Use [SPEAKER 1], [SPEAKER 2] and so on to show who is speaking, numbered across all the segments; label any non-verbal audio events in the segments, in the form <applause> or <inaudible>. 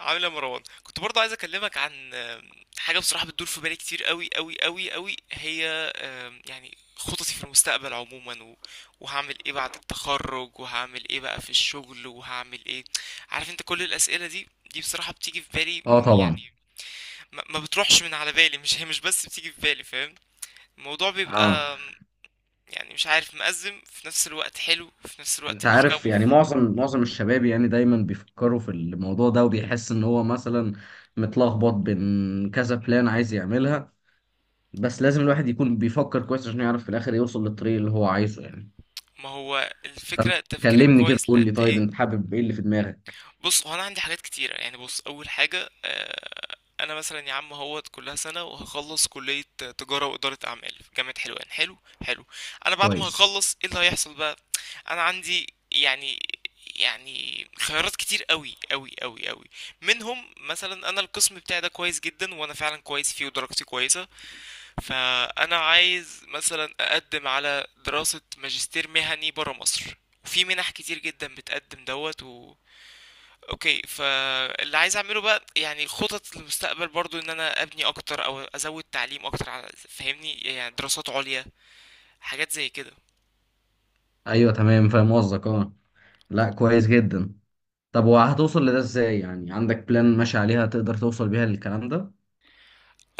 [SPEAKER 1] عامل ايه يا مروان؟ كنت برضه عايز اكلمك عن حاجه بصراحه بتدور في بالي كتير قوي قوي قوي قوي. هي يعني خططي في المستقبل عموما وهعمل ايه بعد التخرج، وهعمل ايه بقى في الشغل، وهعمل ايه. عارف انت كل الاسئله دي، دي بصراحه بتيجي في بالي
[SPEAKER 2] اه طبعا.
[SPEAKER 1] يعني ما بتروحش من على بالي. مش هي مش بس بتيجي في بالي. فاهم الموضوع
[SPEAKER 2] اه
[SPEAKER 1] بيبقى يعني مش عارف، مأزم في نفس الوقت، حلو في نفس
[SPEAKER 2] انت
[SPEAKER 1] الوقت،
[SPEAKER 2] عارف
[SPEAKER 1] بيخوف.
[SPEAKER 2] يعني معظم الشباب يعني دايما بيفكروا في الموضوع ده وبيحس ان هو مثلا متلخبط بين كذا بلان عايز يعملها. بس لازم الواحد يكون بيفكر كويس عشان يعرف في الاخر يوصل للطريق اللي هو عايزه يعني.
[SPEAKER 1] ما هو
[SPEAKER 2] فانت
[SPEAKER 1] الفكره التفكير
[SPEAKER 2] كلمني كده،
[SPEAKER 1] الكويس
[SPEAKER 2] قول
[SPEAKER 1] لقد
[SPEAKER 2] لي طيب،
[SPEAKER 1] ايه؟
[SPEAKER 2] انت حابب ايه اللي في دماغك؟
[SPEAKER 1] بص، هو انا عندي حاجات كتيره يعني. بص، اول حاجه انا مثلا يا عم اهوت كلها سنه وهخلص كليه تجاره واداره اعمال في جامعه حلوان. حلو. حلو. انا بعد ما
[SPEAKER 2] كويس،
[SPEAKER 1] هخلص ايه اللي هيحصل بقى؟ انا عندي يعني، يعني خيارات كتير قوي قوي قوي قوي. منهم مثلا انا القسم بتاعي ده كويس جدا وانا فعلا كويس فيه ودرجتي كويسه، فانا عايز مثلا اقدم على دراسه ماجستير مهني برا مصر. وفي منح كتير جدا بتقدم دوت. اوكي، فاللي عايز اعمله بقى يعني خطط للمستقبل برضو ان انا ابني اكتر او ازود تعليم اكتر، على فاهمني يعني دراسات عليا، حاجات زي كده.
[SPEAKER 2] ايوه تمام فاهم قصدك. اه لا، كويس جدا. طب وهتوصل لده ازاي؟ يعني عندك بلان ماشي عليها تقدر توصل بيها للكلام ده؟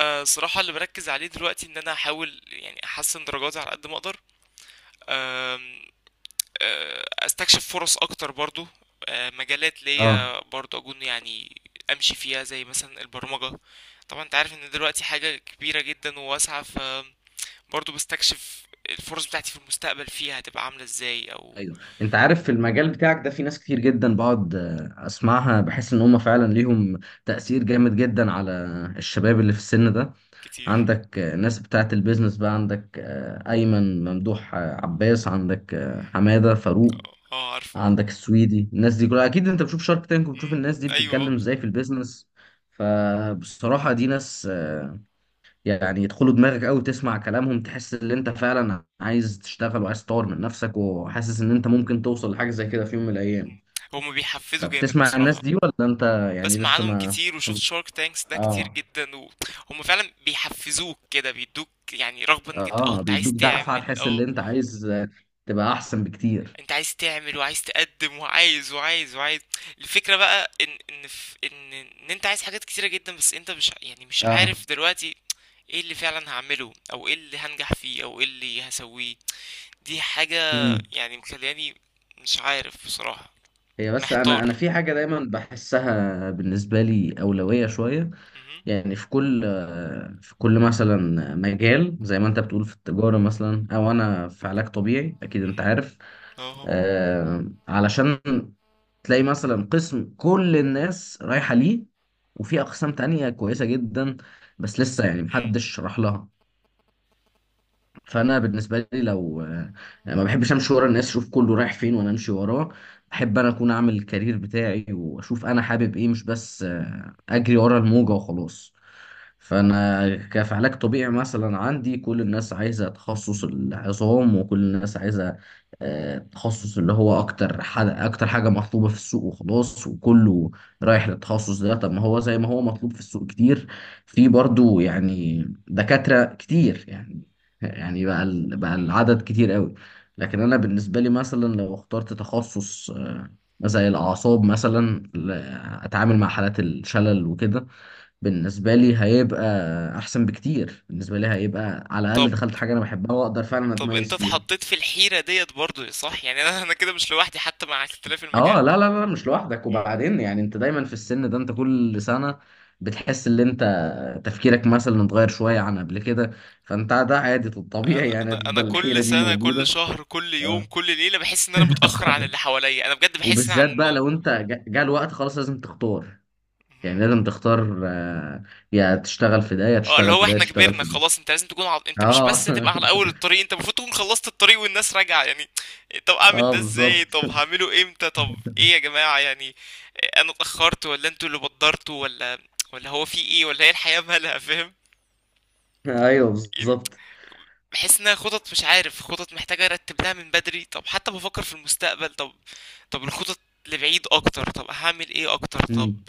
[SPEAKER 1] أه، صراحة اللي بركز عليه دلوقتي ان انا احاول يعني احسن درجاتي على قد ما اقدر. أم، استكشف فرص اكتر برضو. مجالات
[SPEAKER 2] اه
[SPEAKER 1] ليا برضو اكون يعني امشي فيها زي مثلا البرمجة. طبعا انت عارف ان دلوقتي حاجة كبيرة جدا وواسعة، برضو بستكشف الفرص بتاعتي في المستقبل فيها هتبقى عاملة ازاي او...
[SPEAKER 2] ايوه، انت عارف في المجال بتاعك ده في ناس كتير جدا بقعد اسمعها بحس ان هم فعلا ليهم تأثير جامد جدا على الشباب اللي في السن ده.
[SPEAKER 1] كتير.
[SPEAKER 2] عندك
[SPEAKER 1] مم.
[SPEAKER 2] ناس بتاعه البيزنس بقى، عندك ايمن ممدوح، عباس، عندك حمادة فاروق،
[SPEAKER 1] اه عارفه.
[SPEAKER 2] عندك السويدي. الناس دي كلها اكيد انت بتشوف شارك تانك وبتشوف
[SPEAKER 1] مم.
[SPEAKER 2] الناس دي
[SPEAKER 1] ايوه
[SPEAKER 2] بتتكلم
[SPEAKER 1] آه.
[SPEAKER 2] ازاي في البيزنس. فبصراحة دي ناس يعني يدخلوا دماغك قوي، تسمع كلامهم تحس ان انت فعلا عايز تشتغل وعايز تطور من نفسك وحاسس ان انت ممكن توصل لحاجه زي كده في يوم من الايام.
[SPEAKER 1] هما بيحفزوا جامد
[SPEAKER 2] فبتسمع الناس
[SPEAKER 1] بصراحة.
[SPEAKER 2] دي ولا انت يعني
[SPEAKER 1] بسمع
[SPEAKER 2] لسه
[SPEAKER 1] عنهم
[SPEAKER 2] ما...
[SPEAKER 1] كتير وشفت شارك تانكس ده كتير
[SPEAKER 2] اه
[SPEAKER 1] جدا، وهم فعلا بيحفزوك كده، بيدوك يعني رغبة انك انت اه
[SPEAKER 2] اه،
[SPEAKER 1] انت عايز
[SPEAKER 2] بيدوك دفعه
[SPEAKER 1] تعمل
[SPEAKER 2] تحس ان
[SPEAKER 1] اه.
[SPEAKER 2] انت عايز تبقى احسن بكتير.
[SPEAKER 1] انت عايز تعمل وعايز تقدم وعايز وعايز وعايز. الفكرة بقى ان ان في ان انت عايز حاجات كتيرة جدا، بس انت مش يعني مش
[SPEAKER 2] اه
[SPEAKER 1] عارف دلوقتي ايه اللي فعلا هعمله او ايه اللي هنجح فيه او ايه اللي هسويه. دي حاجة
[SPEAKER 2] امم
[SPEAKER 1] يعني مخلياني مش عارف بصراحة،
[SPEAKER 2] هي بس
[SPEAKER 1] محتار.
[SPEAKER 2] انا في حاجه دايما بحسها بالنسبه لي اولويه شويه.
[SPEAKER 1] مهم.
[SPEAKER 2] يعني في كل، مثلا مجال زي ما انت بتقول في التجاره مثلا او انا في علاج طبيعي، اكيد انت
[SPEAKER 1] مهم.
[SPEAKER 2] عارف
[SPEAKER 1] اه.
[SPEAKER 2] علشان تلاقي مثلا قسم كل الناس رايحة ليه، وفي أقسام تانية كويسة جدا بس لسه يعني
[SPEAKER 1] مهم.
[SPEAKER 2] محدش راح لها. فانا بالنسبه لي لو ما بحبش امشي ورا الناس، اشوف كله رايح فين وانا امشي وراه. بحب انا اكون اعمل الكارير بتاعي واشوف انا حابب ايه، مش بس اجري ورا الموجه وخلاص. فانا كف علاج طبيعي مثلا، عندي كل الناس عايزه تخصص العظام وكل الناس عايزه تخصص اللي هو اكتر حاجه مطلوبه في السوق وخلاص، وكله رايح للتخصص ده. طب ما هو زي ما هو مطلوب في السوق كتير، في برضو يعني دكاترة كتير يعني، يعني بقى بقى
[SPEAKER 1] مهم.
[SPEAKER 2] العدد كتير قوي. لكن انا بالنسبه لي مثلا لو اخترت تخصص زي الاعصاب مثلا، اتعامل مع حالات الشلل وكده، بالنسبه لي هيبقى احسن بكتير، بالنسبه لي هيبقى على
[SPEAKER 1] طب،
[SPEAKER 2] الاقل دخلت حاجه انا بحبها واقدر فعلا
[SPEAKER 1] طب انت
[SPEAKER 2] اتميز فيها.
[SPEAKER 1] اتحطيت في الحيرة ديت برضو صح، يعني انا انا كده مش لوحدي حتى مع اختلاف
[SPEAKER 2] اه
[SPEAKER 1] المجال.
[SPEAKER 2] لا لا لا، مش لوحدك.
[SPEAKER 1] مم.
[SPEAKER 2] وبعدين يعني انت دايما في السن ده، انت كل سنه بتحس ان انت تفكيرك مثلا اتغير شويه عن قبل كده. فانت ده عادي طبيعي،
[SPEAKER 1] انا
[SPEAKER 2] يعني
[SPEAKER 1] انا انا
[SPEAKER 2] هتفضل الحيره
[SPEAKER 1] كل
[SPEAKER 2] دي
[SPEAKER 1] سنة كل
[SPEAKER 2] موجوده.
[SPEAKER 1] شهر كل يوم
[SPEAKER 2] آه.
[SPEAKER 1] كل ليلة بحس ان انا متأخر عن اللي حواليا. انا بجد بحس ان عن...
[SPEAKER 2] وبالذات بقى لو انت جه الوقت خلاص لازم تختار. يعني
[SPEAKER 1] مهم.
[SPEAKER 2] لازم تختار، يا تشتغل في ده، يا
[SPEAKER 1] اه، اللي
[SPEAKER 2] تشتغل
[SPEAKER 1] هو
[SPEAKER 2] في ده، يا
[SPEAKER 1] احنا
[SPEAKER 2] تشتغل
[SPEAKER 1] كبرنا
[SPEAKER 2] في ده.
[SPEAKER 1] خلاص. انت لازم تكون انت مش بس
[SPEAKER 2] اه
[SPEAKER 1] تبقى على اول
[SPEAKER 2] <laughs>
[SPEAKER 1] الطريق، انت المفروض تكون خلصت الطريق والناس راجعه يعني. طب اعمل
[SPEAKER 2] اه
[SPEAKER 1] ده ازاي؟
[SPEAKER 2] بالظبط
[SPEAKER 1] طب
[SPEAKER 2] <laughs>
[SPEAKER 1] هعمله امتى؟ طب ايه يا جماعه يعني؟ انا اتاخرت ولا انتوا اللي بدرتوا ولا ولا هو في ايه ولا هي الحياه مالها <laughs> فاهم
[SPEAKER 2] ايوه
[SPEAKER 1] يعني.
[SPEAKER 2] بالظبط.
[SPEAKER 1] بحس انها خطط، مش عارف، خطط محتاجه ارتب لها من بدري. طب حتى بفكر في المستقبل، طب طب الخطط لبعيد اكتر، طب هعمل ايه اكتر؟ طب
[SPEAKER 2] امم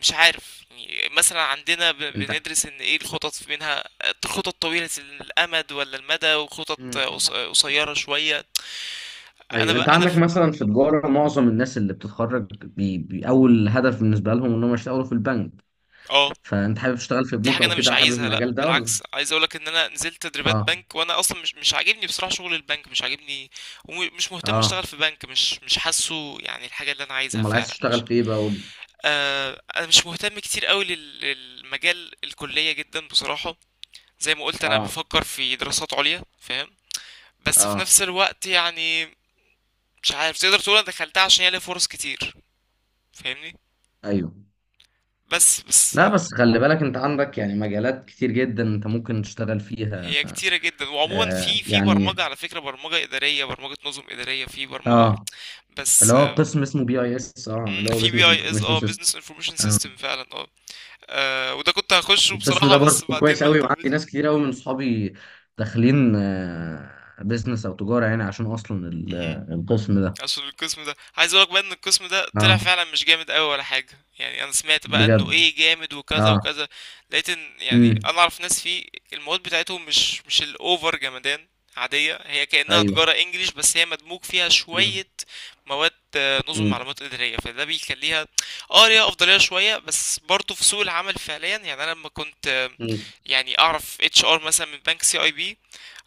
[SPEAKER 1] مش عارف يعني. مثلا عندنا
[SPEAKER 2] انت...
[SPEAKER 1] بندرس ان ايه الخطط منها، خطط طويلة الامد ولا المدى وخطط
[SPEAKER 2] مم.
[SPEAKER 1] قصيرة شوية. انا
[SPEAKER 2] ايوه، انت
[SPEAKER 1] بقى انا
[SPEAKER 2] عندك
[SPEAKER 1] في...
[SPEAKER 2] مثلا في تجاره، معظم الناس اللي بتتخرج اول هدف بالنسبه لهم انهم يشتغلوا في البنك.
[SPEAKER 1] اه،
[SPEAKER 2] فانت حابب تشتغل في
[SPEAKER 1] دي
[SPEAKER 2] بنوك
[SPEAKER 1] حاجة
[SPEAKER 2] او
[SPEAKER 1] انا مش
[SPEAKER 2] كده، حابب
[SPEAKER 1] عايزها. لا
[SPEAKER 2] المجال ده ولا؟
[SPEAKER 1] بالعكس، عايز اقولك ان انا نزلت تدريبات
[SPEAKER 2] اه
[SPEAKER 1] بنك وانا اصلا مش مش عاجبني بصراحة شغل البنك مش عاجبني، ومش مهتم اشتغل
[SPEAKER 2] اه،
[SPEAKER 1] في بنك. مش مش حاسه يعني الحاجة اللي انا عايزها
[SPEAKER 2] امال عايز
[SPEAKER 1] فعلا
[SPEAKER 2] تشتغل
[SPEAKER 1] مش...
[SPEAKER 2] في ايه بقى؟ قول لي.
[SPEAKER 1] آه، انا مش مهتم كتير قوي للمجال الكلية جدا بصراحة. زي ما قلت انا
[SPEAKER 2] اه
[SPEAKER 1] بفكر في دراسات عليا فاهم. بس في
[SPEAKER 2] اه
[SPEAKER 1] نفس الوقت يعني مش عارف، تقدر تقول انا دخلتها عشان هي ليها فرص كتير. فاهمني.
[SPEAKER 2] ايوه.
[SPEAKER 1] بس بس
[SPEAKER 2] لا بس خلي بالك انت عندك يعني مجالات كتير جدا انت ممكن تشتغل فيها.
[SPEAKER 1] هي كتيرة جدا. وعموما في
[SPEAKER 2] آه
[SPEAKER 1] في
[SPEAKER 2] يعني،
[SPEAKER 1] برمجة، على فكرة برمجة إدارية، برمجة نظم إدارية، في برمجة.
[SPEAKER 2] اه، اللي
[SPEAKER 1] بس
[SPEAKER 2] هو قسم اسمه بي اي اس، اه
[SPEAKER 1] مم،
[SPEAKER 2] اللي هو
[SPEAKER 1] في بي
[SPEAKER 2] بزنس
[SPEAKER 1] اي اس،
[SPEAKER 2] انفورميشن
[SPEAKER 1] اه
[SPEAKER 2] سيستم.
[SPEAKER 1] بزنس انفورميشن
[SPEAKER 2] اه
[SPEAKER 1] سيستم فعلا. اه وده كنت هخشه
[SPEAKER 2] القسم ده
[SPEAKER 1] بصراحة
[SPEAKER 2] برضه
[SPEAKER 1] بس بعدين
[SPEAKER 2] كويس
[SPEAKER 1] ما
[SPEAKER 2] قوي، وعندي
[SPEAKER 1] اهتمتش.
[SPEAKER 2] ناس كتير قوي من صحابي داخلين آه بزنس او تجارة، يعني عشان اصلا القسم ده.
[SPEAKER 1] عشان القسم ده، عايز اقولك بقى ان القسم ده
[SPEAKER 2] اه
[SPEAKER 1] طلع فعلا مش جامد قوي ولا حاجه. يعني انا سمعت بقى انه
[SPEAKER 2] بجد.
[SPEAKER 1] ايه، جامد وكذا
[SPEAKER 2] اه.
[SPEAKER 1] وكذا، لقيت ان يعني
[SPEAKER 2] امم.
[SPEAKER 1] انا اعرف ناس فيه المواد بتاعتهم مش مش الاوفر جمدان. عاديه، هي كانها
[SPEAKER 2] ايوه.
[SPEAKER 1] تجاره انجليش بس هي مدموج فيها
[SPEAKER 2] امم.
[SPEAKER 1] شويه مواد نظم معلومات اداريه، فده بيخليها اه ليها افضليه شويه. بس برضه في سوق العمل فعليا، يعني انا لما كنت
[SPEAKER 2] امم
[SPEAKER 1] يعني اعرف اتش ار مثلا من بنك سي اي بي،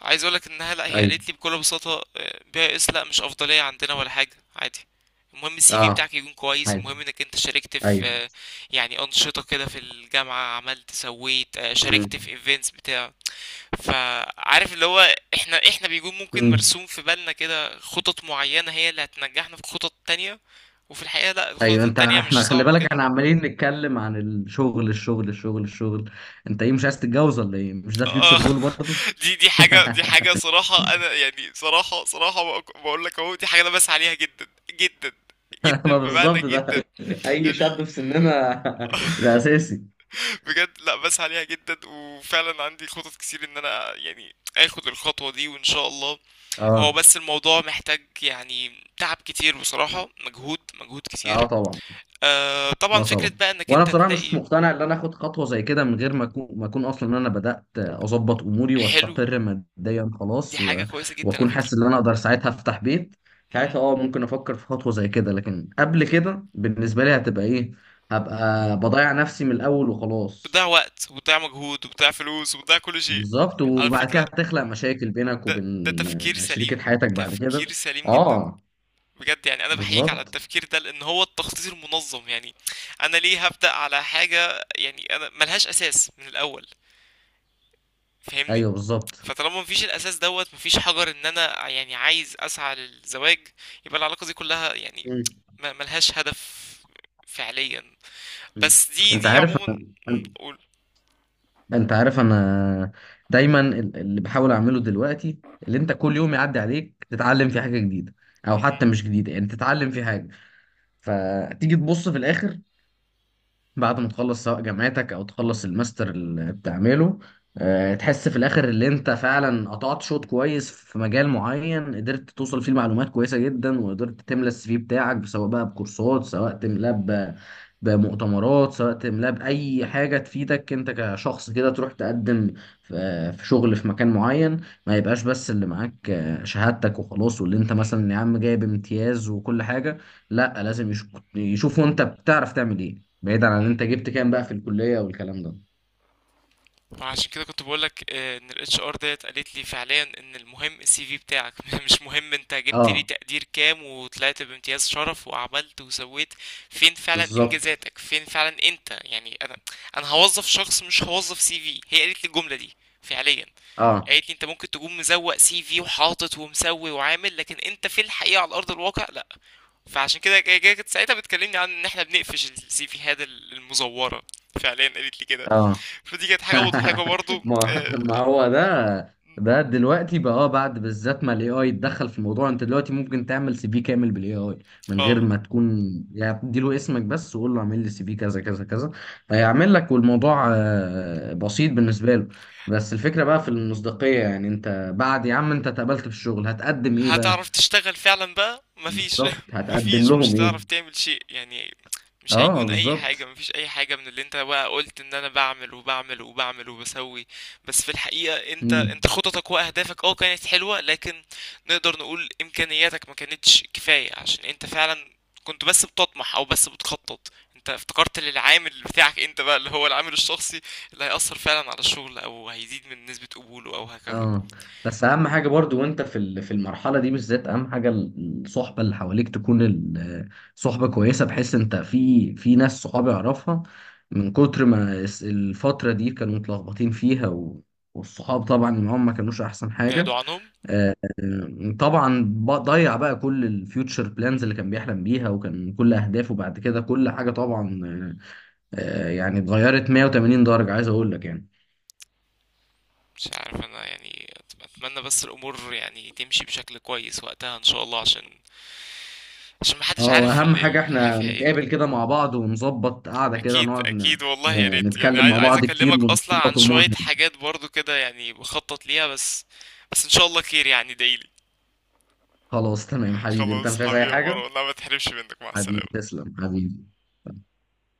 [SPEAKER 1] عايز اقولك انها لا، هي
[SPEAKER 2] ايوه
[SPEAKER 1] قالت لي بكل بساطه بي اس، لا مش افضليه عندنا ولا حاجه، عادي. المهم السي في
[SPEAKER 2] اه
[SPEAKER 1] بتاعك يكون كويس.
[SPEAKER 2] عادي
[SPEAKER 1] المهم انك انت شاركت في
[SPEAKER 2] ايوه
[SPEAKER 1] يعني انشطه كده في الجامعه، عملت سويت شاركت في ايفنتس بتاع. فعارف اللي هو احنا احنا بيكون ممكن
[SPEAKER 2] امم
[SPEAKER 1] مرسوم في بالنا كده خطط معينه هي اللي هتنجحنا في خطط تانية. وفي الحقيقه لا، الخطط
[SPEAKER 2] ايوه. انت...
[SPEAKER 1] التانية
[SPEAKER 2] احنا
[SPEAKER 1] مش
[SPEAKER 2] خلي
[SPEAKER 1] صعبه
[SPEAKER 2] بالك
[SPEAKER 1] كده.
[SPEAKER 2] احنا عمالين نتكلم عن الشغل الشغل الشغل الشغل. انت ايه مش عايز تتجوز ولا ايه؟ مش ده
[SPEAKER 1] آه
[SPEAKER 2] فيوتشر جول برضه؟
[SPEAKER 1] <laughs> دي حاجة، دي حاجة
[SPEAKER 2] <laughs>
[SPEAKER 1] صراحة. أنا يعني صراحة صراحة بقول لك أهو، دي حاجة أنا بسعى عليها جدا جدا جدا،
[SPEAKER 2] ما
[SPEAKER 1] بمعنى
[SPEAKER 2] بالظبط ده
[SPEAKER 1] جدا
[SPEAKER 2] اي
[SPEAKER 1] يعني.
[SPEAKER 2] شاب في سننا. <laughs> ده اساسي.
[SPEAKER 1] بجد لا بسعى عليها جدا، وفعلا عندي خطط كتير إن أنا يعني آخد الخطوة دي، وإن شاء الله.
[SPEAKER 2] اه
[SPEAKER 1] هو بس الموضوع محتاج يعني تعب كتير بصراحة، مجهود مجهود
[SPEAKER 2] اه
[SPEAKER 1] كتير.
[SPEAKER 2] طبعا.
[SPEAKER 1] آه طبعا.
[SPEAKER 2] لا
[SPEAKER 1] فكرة
[SPEAKER 2] طبعا.
[SPEAKER 1] بقى إنك
[SPEAKER 2] وانا
[SPEAKER 1] أنت
[SPEAKER 2] بصراحه مش
[SPEAKER 1] تلاقي...
[SPEAKER 2] مقتنع ان انا اخد خطوه زي كده من غير ما اكون، اصلا ان انا بدات اظبط اموري
[SPEAKER 1] حلو،
[SPEAKER 2] واستقر ماديا
[SPEAKER 1] دي
[SPEAKER 2] خلاص
[SPEAKER 1] حاجة
[SPEAKER 2] و...
[SPEAKER 1] كويسة جدا على
[SPEAKER 2] واكون
[SPEAKER 1] فكرة.
[SPEAKER 2] حاسس ان انا اقدر ساعتها افتح بيت.
[SPEAKER 1] مهم.
[SPEAKER 2] ساعتها اه ممكن افكر في خطوه زي كده، لكن قبل كده بالنسبه لي هتبقى ايه؟ هبقى بضيع نفسي من الاول وخلاص.
[SPEAKER 1] بتضيع وقت وبتضيع مجهود وبتضيع فلوس وبتضيع كل شيء.
[SPEAKER 2] بالظبط.
[SPEAKER 1] على
[SPEAKER 2] وبعد كده
[SPEAKER 1] فكرة،
[SPEAKER 2] هتخلق مشاكل بينك
[SPEAKER 1] ده
[SPEAKER 2] وبين
[SPEAKER 1] ده تفكير
[SPEAKER 2] شريكه
[SPEAKER 1] سليم،
[SPEAKER 2] حياتك بعد كده.
[SPEAKER 1] تفكير سليم جدا
[SPEAKER 2] اه
[SPEAKER 1] بجد. يعني انا بحييك على
[SPEAKER 2] بالظبط
[SPEAKER 1] التفكير ده، لان هو التخطيط المنظم يعني. انا ليه هبدأ على حاجة يعني انا ملهاش اساس من الاول؟ فاهمني.
[SPEAKER 2] ايوه بالظبط.
[SPEAKER 1] فطالما مفيش الاساس دوت، مفيش حجر ان انا يعني عايز اسعى للزواج، يبقى العلاقة دي كلها يعني
[SPEAKER 2] مم.
[SPEAKER 1] ما- ملهاش هدف فعليا. بس دي
[SPEAKER 2] انت
[SPEAKER 1] دي
[SPEAKER 2] عارف،
[SPEAKER 1] عموما. م، قول.
[SPEAKER 2] انا دايما، اللي بحاول اعمله دلوقتي اللي انت كل يوم يعدي عليك تتعلم في حاجة جديدة، او
[SPEAKER 1] مهم.
[SPEAKER 2] حتى مش جديدة يعني تتعلم في حاجة. فتيجي تبص في الاخر بعد ما تخلص سواء جامعتك او تخلص الماستر اللي بتعمله، تحس في الاخر اللي انت فعلا قطعت شوط كويس في مجال معين، قدرت توصل فيه لمعلومات كويسه جدا وقدرت تملى السي في بتاعك، سواء بقى بكورسات، سواء تملاه بمؤتمرات، سواء تملاه باي حاجه تفيدك انت كشخص كده تروح تقدم في، شغل في مكان معين. ما يبقاش بس اللي معاك شهادتك وخلاص، واللي انت مثلا يا عم جايب امتياز وكل حاجه. لا لازم يشوفوا انت بتعرف تعمل ايه، بعيدا عن
[SPEAKER 1] مم،
[SPEAKER 2] انت جبت كام بقى في الكلية والكلام ده.
[SPEAKER 1] عشان كده كنت بقولك ان الاتش ار ديت قالت لي فعليا ان المهم السي في بتاعك <laughs> مش مهم انت جبت لي
[SPEAKER 2] اه
[SPEAKER 1] تقدير كام وطلعت بامتياز شرف وعملت وسويت. فين فعلا
[SPEAKER 2] بالظبط.
[SPEAKER 1] انجازاتك؟ فين فعلا انت يعني؟ انا انا هوظف شخص مش هوظف سي في، هي قالت لي الجملة دي فعليا.
[SPEAKER 2] اه
[SPEAKER 1] قالت لي انت ممكن تكون مزوق سي في وحاطط ومسوي وعامل، لكن انت في الحقيقة على ارض الواقع لا. فعشان كده كانت ساعتها بتكلمني عن ان احنا بنقفش السي فيهات المزورة، فعليا قالت لي كده.
[SPEAKER 2] اه
[SPEAKER 1] فدي كانت حاجة مضحكة
[SPEAKER 2] <laughs>
[SPEAKER 1] برضو
[SPEAKER 2] ما
[SPEAKER 1] اه.
[SPEAKER 2] ما هو ده، دلوقتي بقى اه بعد بالذات ما الاي اي اتدخل في الموضوع، انت دلوقتي ممكن تعمل سي في كامل بالاي اي من غير
[SPEAKER 1] آه.
[SPEAKER 2] ما تكون، يعني اديله اسمك بس وقول له اعمل لي سي في كذا كذا كذا، هيعمل لك، والموضوع بسيط بالنسبة له. بس الفكرة بقى في المصداقية، يعني انت بعد يا عم انت اتقبلت في الشغل هتقدم ايه بقى؟
[SPEAKER 1] هتعرف تشتغل فعلا بقى مفيش
[SPEAKER 2] بالظبط،
[SPEAKER 1] <laughs>
[SPEAKER 2] هتقدم
[SPEAKER 1] مفيش، مش
[SPEAKER 2] لهم ايه؟
[SPEAKER 1] هتعرف تعمل شيء يعني. مش
[SPEAKER 2] اه
[SPEAKER 1] هيكون اي حاجة،
[SPEAKER 2] بالظبط.
[SPEAKER 1] مفيش اي حاجة من اللي انت بقى قلت ان انا بعمل وبعمل وبعمل وبسوي. بس في الحقيقة انت انت
[SPEAKER 2] امم.
[SPEAKER 1] خططك واهدافك اه كانت حلوة، لكن نقدر نقول امكانياتك ما كانتش كفاية. عشان انت فعلا كنت بس بتطمح او بس بتخطط. انت افتكرت للعامل بتاعك انت بقى اللي هو العامل الشخصي اللي هيأثر فعلا على الشغل او هيزيد من نسبة قبوله او هكذا.
[SPEAKER 2] اه بس اهم حاجه برضو وانت في في المرحله دي بالذات، اهم حاجه الصحبه اللي حواليك تكون صحبه كويسه، بحيث انت في، ناس صحابي اعرفها من كتر ما الفتره دي كانوا متلخبطين فيها و... والصحاب طبعا اللي معاهم ما كانوش احسن
[SPEAKER 1] بعدوا
[SPEAKER 2] حاجه.
[SPEAKER 1] عنهم.
[SPEAKER 2] طبعا ضيع بقى كل الفيوتشر بلانز اللي كان بيحلم بيها، وكان كل اهدافه بعد كده كل حاجه طبعا يعني اتغيرت 180 درجه، عايز اقول لك يعني.
[SPEAKER 1] مش عارف انا يعني اتمنى بس الامور يعني تمشي بشكل كويس وقتها ان شاء الله. عشان عشان محدش
[SPEAKER 2] اه
[SPEAKER 1] عارف
[SPEAKER 2] واهم حاجة
[SPEAKER 1] الحياة
[SPEAKER 2] احنا
[SPEAKER 1] فيها ايه.
[SPEAKER 2] نتقابل كده مع بعض ونظبط قعدة كده
[SPEAKER 1] اكيد
[SPEAKER 2] نقعد
[SPEAKER 1] اكيد والله. يا ريت يعني،
[SPEAKER 2] نتكلم
[SPEAKER 1] عايز
[SPEAKER 2] مع
[SPEAKER 1] عايز
[SPEAKER 2] بعض كتير
[SPEAKER 1] اكلمك اصلا عن
[SPEAKER 2] ونظبط
[SPEAKER 1] شوية
[SPEAKER 2] امورنا.
[SPEAKER 1] حاجات برضو كده يعني بخطط ليها بس. بس ان شاء الله خير يعني دايلي.
[SPEAKER 2] خلاص تمام حبيبي، انت
[SPEAKER 1] خلاص
[SPEAKER 2] مش عايز اي
[SPEAKER 1] حبيبي يا
[SPEAKER 2] حاجة؟
[SPEAKER 1] مروان، لا، ما تحرمش منك، مع
[SPEAKER 2] حبيبي
[SPEAKER 1] السلامة.
[SPEAKER 2] تسلم حبيبي.